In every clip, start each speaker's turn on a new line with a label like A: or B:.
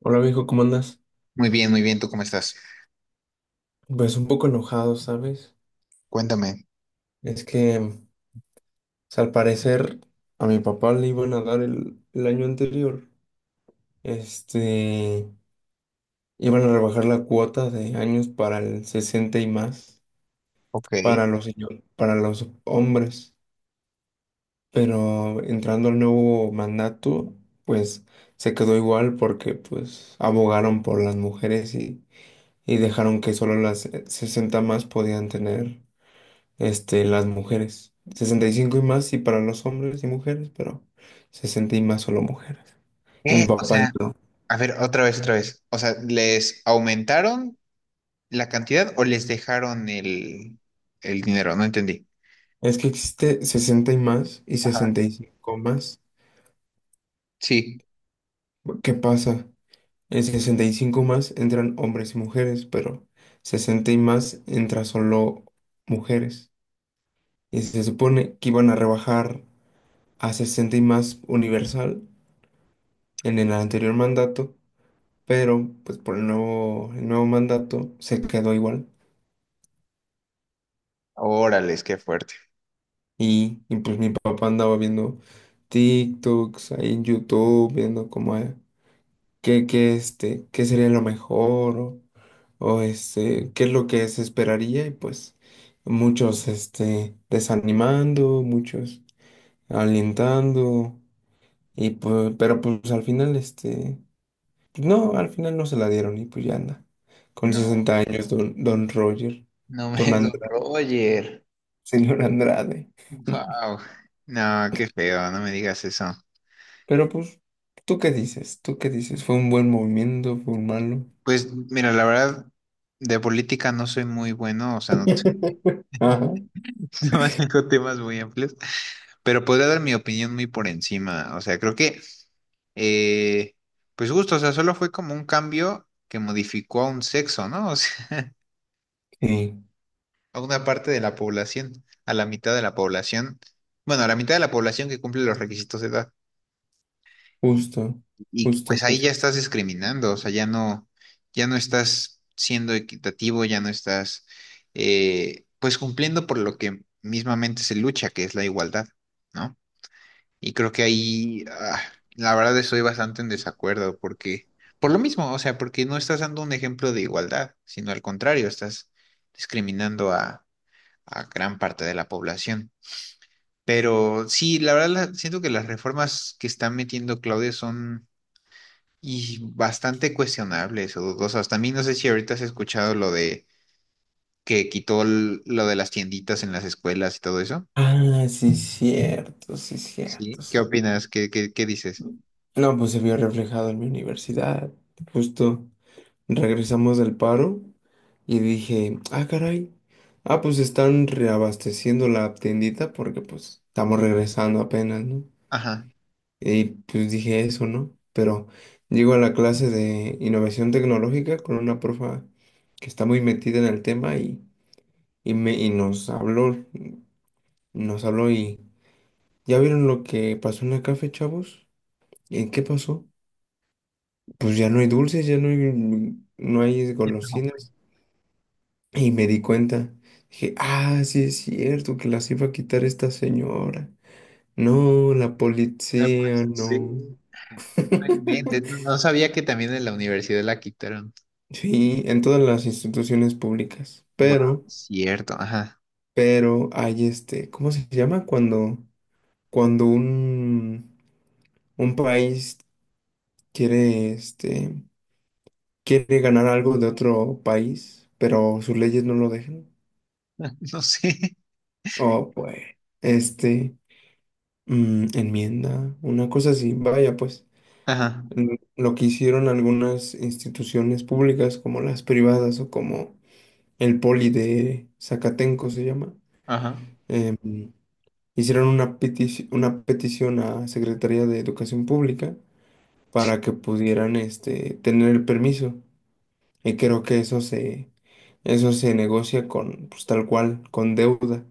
A: Hola viejo, ¿cómo andas?
B: Muy bien, muy bien. ¿Tú cómo estás?
A: Pues un poco enojado, ¿sabes?
B: Cuéntame.
A: Es que, o sea, al parecer a mi papá le iban a dar el año anterior, este, iban a rebajar la cuota de años para el 60 y más,
B: Ok.
A: para los hombres, pero entrando al nuevo mandato, pues se quedó igual porque pues abogaron por las mujeres y dejaron que solo las 60 más podían tener. Este, las mujeres. Sesenta y cinco y más, sí, para los hombres y mujeres, pero 60 y más solo mujeres. Y mi
B: O
A: papá
B: sea,
A: no.
B: a ver, otra vez, otra vez. O sea, ¿les aumentaron la cantidad o les dejaron el dinero? No entendí.
A: Es que existe 60 y más y
B: Ajá.
A: sesenta y cinco más.
B: Sí.
A: ¿Qué pasa? En 65 más entran hombres y mujeres, pero 60 y más entra solo mujeres. Y se supone que iban a rebajar a 60 y más universal en el anterior mandato, pero pues por el nuevo mandato se quedó igual.
B: Órales, qué fuerte.
A: Y pues mi papá andaba viendo TikToks ahí en YouTube, viendo cómo es, qué sería lo mejor o qué es lo que se esperaría. Y pues muchos desanimando, muchos alentando. Y pues, pero pues al final, no, al final no se la dieron y pues ya anda. Con
B: No,
A: 60 años, don Roger,
B: no
A: don
B: me, don
A: Andrade,
B: Roger.
A: señor Andrade.
B: Wow. No, qué feo, no me digas eso.
A: Pero pues, ¿tú qué dices? ¿Tú qué dices? ¿Fue un buen movimiento? ¿Fue un malo?
B: Pues mira, la verdad, de política no soy muy bueno, o sea, no,
A: Ajá.
B: no manejo temas muy amplios, pero podría dar mi opinión muy por encima. O sea, creo que Eh, pues justo, o sea, solo fue como un cambio que modificó a un sexo, ¿no? O sea,
A: Sí,
B: a una parte de la población, a la mitad de la población, bueno, a la mitad de la población que cumple los requisitos de edad.
A: justo,
B: Y pues
A: justo,
B: ahí
A: justo.
B: ya estás discriminando, o sea, ya no, ya no estás siendo equitativo, ya no estás, pues cumpliendo por lo que mismamente se lucha, que es la igualdad, ¿no? Y creo que ahí, la verdad, estoy bastante en desacuerdo porque, por lo mismo, o sea, porque no estás dando un ejemplo de igualdad, sino al contrario, estás discriminando a gran parte de la población. Pero sí, la verdad, siento que las reformas que está metiendo Claudia son y bastante cuestionables o dudosas. También no sé si ahorita has escuchado lo de que quitó lo de las tienditas en las escuelas y todo eso.
A: Ah, sí, cierto, sí, cierto,
B: Sí. ¿Qué
A: sí.
B: opinas? ¿Qué dices?
A: No, pues se vio reflejado en mi universidad. Justo regresamos del paro y dije, ah, caray. Ah, pues están reabasteciendo la tiendita porque pues estamos regresando apenas, ¿no?
B: Ajá.
A: Y pues dije eso, ¿no? Pero llego a la clase de innovación tecnológica con una profa que está muy metida en el tema y y nos habló y ¿ya vieron lo que pasó en la café, chavos? ¿En qué pasó? Pues ya no hay dulces, no hay golosinas. Y me di cuenta, dije, ah, sí es cierto que las iba a quitar esta señora. No, la
B: No,
A: policía,
B: pues, sí.
A: no.
B: No inventes, no sabía que también en la universidad la quitaron.
A: Sí, en todas las instituciones públicas.
B: Bueno, cierto, ajá.
A: Pero hay ¿cómo se llama? Cuando un país quiere, quiere ganar algo de otro país, pero sus leyes no lo dejan.
B: No sé.
A: O pues, este, enmienda, una cosa así. Vaya, pues,
B: Ajá,
A: lo que hicieron algunas instituciones públicas, como las privadas o como el Poli de Zacatenco se llama.
B: ajá.
A: mm, Hicieron una una petición a Secretaría de Educación Pública para que pudieran tener el permiso. Y creo que eso se negocia con, pues tal cual, con deuda.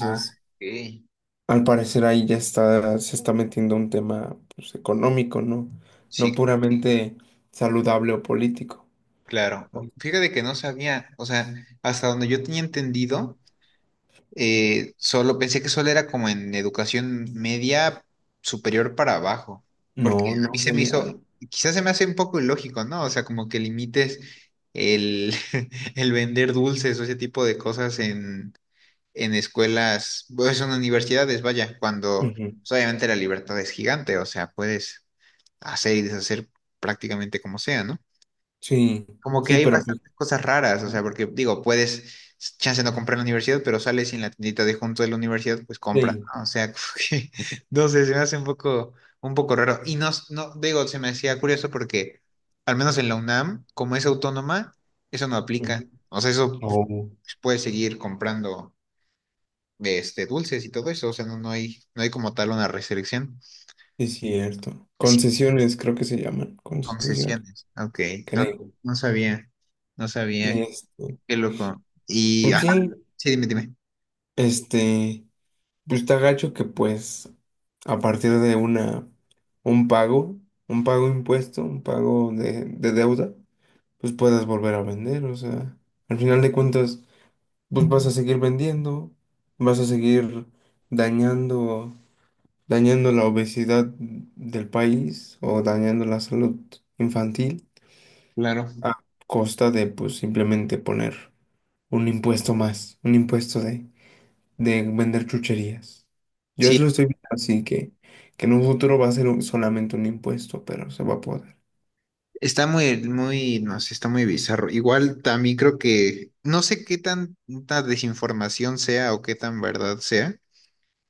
B: Ah, ok.
A: al parecer ahí ya está, se está metiendo un tema pues, económico, ¿no?
B: Sí,
A: No
B: claro.
A: puramente saludable o político.
B: Claro. Fíjate que no sabía, o sea, hasta donde yo tenía entendido, solo pensé que solo era como en educación media superior para abajo, porque
A: No,
B: a
A: no,
B: mí se me
A: general.
B: hizo, quizás se me hace un poco ilógico, ¿no? O sea, como que limites el, el vender dulces o ese tipo de cosas en escuelas, pues en universidades, vaya, cuando
A: Ujú.
B: pues, obviamente la libertad es gigante, o sea, puedes hacer y deshacer prácticamente como sea, ¿no?
A: Sí,
B: Como que
A: sí,
B: hay
A: pero pues,
B: bastantes cosas raras, o
A: ajá,
B: sea, porque digo, puedes, chance no comprar en la universidad, pero sales y en la tiendita de junto de la universidad, pues compra,
A: sí.
B: ¿no? O sea, como que, no sé, se me hace un poco raro. Y no, no, digo, se me hacía curioso porque, al menos en la UNAM, como es autónoma, eso no aplica.
A: Ujú.
B: O sea, eso pues,
A: Oh.
B: puedes seguir comprando de dulces y todo eso, o sea, no, no hay, no hay como tal una restricción.
A: Es cierto.
B: Sí,
A: Concesiones, creo que se llaman. Concesiones,
B: concesiones, ok, no,
A: creo.
B: no sabía, no sabía,
A: este,
B: qué loco. Y,
A: pues
B: ajá,
A: sí,
B: sí, dime, dime.
A: este, pues está gacho que pues a partir de un pago, un pago impuesto, un pago de deuda, pues puedas volver a vender. O sea, al final de cuentas, pues vas a seguir vendiendo, vas a seguir dañando, dañando la obesidad del país o dañando la salud infantil.
B: Claro.
A: A costa de pues simplemente poner un impuesto más, un impuesto de vender chucherías. Yo
B: Sí,
A: lo estoy viendo así que en un futuro va a ser solamente un impuesto, pero se va a poder.
B: está muy, muy, no sé, está muy bizarro. Igual también creo que, no sé qué tanta desinformación sea o qué tan verdad sea,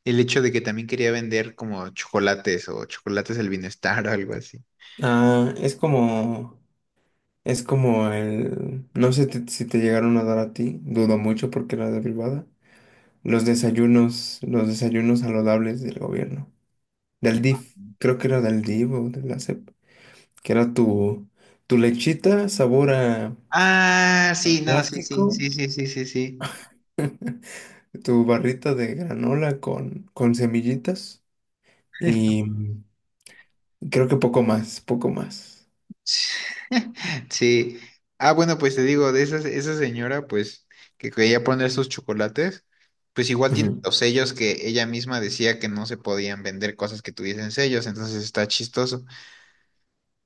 B: el hecho de que también quería vender como chocolates o chocolates del bienestar o algo así.
A: Ah, es como el, no sé si te llegaron a dar a ti, dudo mucho porque era de privada, los desayunos saludables del gobierno, del DIF, creo que era del DIF o de la SEP, que era tu, tu lechita sabor a
B: Ah, sí, no, sí, sí,
A: plástico,
B: sí, sí, sí, sí, sí.
A: tu barrita de granola con semillitas y creo que poco más, poco más.
B: Sí. Ah, bueno, pues te digo, de esa, esa señora, pues, que quería poner sus chocolates, pues igual tiene
A: Ujú.
B: los sellos que ella misma decía que no se podían vender cosas que tuviesen sellos, entonces está chistoso.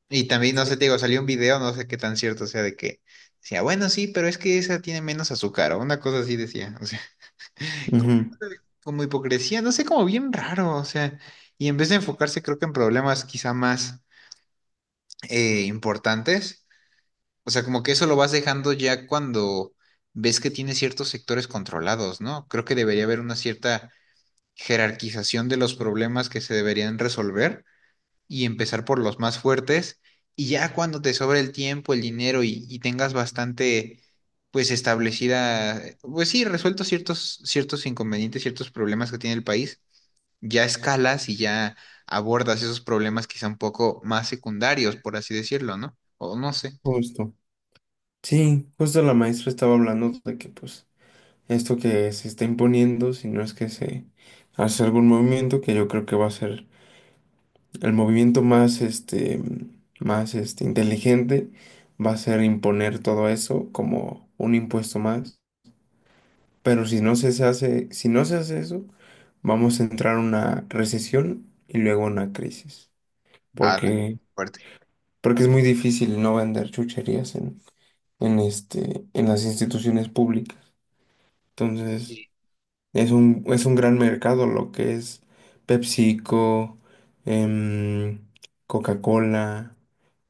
B: Y también, no sé, te digo, salió un video, no sé qué tan cierto sea de que decía, bueno, sí, pero es que esa tiene menos azúcar, o una cosa así decía. O sea, como,
A: Ujú.
B: como hipocresía, no sé, como bien raro, o sea, y en vez de enfocarse, creo que en problemas quizá más importantes. O sea, como que eso lo vas dejando ya cuando ves que tienes ciertos sectores controlados, ¿no? Creo que debería haber una cierta jerarquización de los problemas que se deberían resolver y empezar por los más fuertes y ya cuando te sobre el tiempo, el dinero y tengas bastante, pues establecida, pues sí, resueltos ciertos, ciertos inconvenientes, ciertos problemas que tiene el país, ya escalas y ya abordas esos problemas quizá un poco más secundarios, por así decirlo, ¿no? O no sé.
A: Justo. Sí, justo la maestra estaba hablando de que pues esto que se está imponiendo, si no es que se hace algún movimiento que yo creo que va a ser el movimiento más más inteligente, va a ser imponer todo eso como un impuesto más. Pero si no se hace, si no se hace eso, vamos a entrar en una recesión y luego una crisis.
B: Ah,
A: Porque,
B: fuerte.
A: porque es muy difícil no vender chucherías en este, en las instituciones públicas. Entonces,
B: Sí.
A: es un gran mercado lo que es PepsiCo, em, Coca-Cola,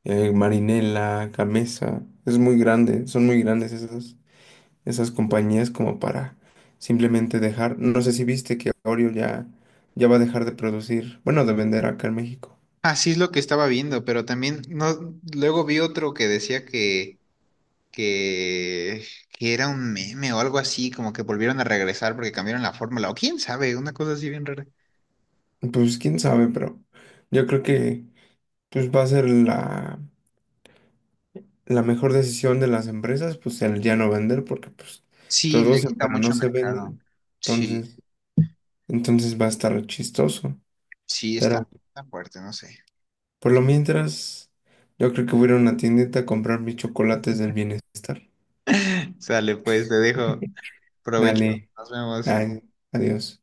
A: Marinela, Gamesa. Es muy grande, son muy grandes esas. Esas compañías como para simplemente dejar. No sé si viste que Oreo ya, ya va a dejar de producir, bueno, de vender acá en México.
B: Así es lo que estaba viendo, pero también no, luego vi otro que decía que, que era un meme o algo así, como que volvieron a regresar porque cambiaron la fórmula, o quién sabe, una cosa así bien rara.
A: Pues quién sabe, pero yo creo que pues va a ser la, la mejor decisión de las empresas, pues el ya no vender, porque pues
B: Sí, le
A: producen
B: quita
A: pero no
B: mucho
A: se
B: mercado.
A: venden.
B: Sí,
A: Entonces, entonces va a estar chistoso.
B: sí,
A: Pero
B: está, está fuerte, no sé.
A: por lo mientras, yo creo que voy a ir a una tiendita a comprar mis chocolates del bienestar.
B: Sale, pues, te dejo. Provecho.
A: Dale,
B: Nos vemos.
A: ay, adiós.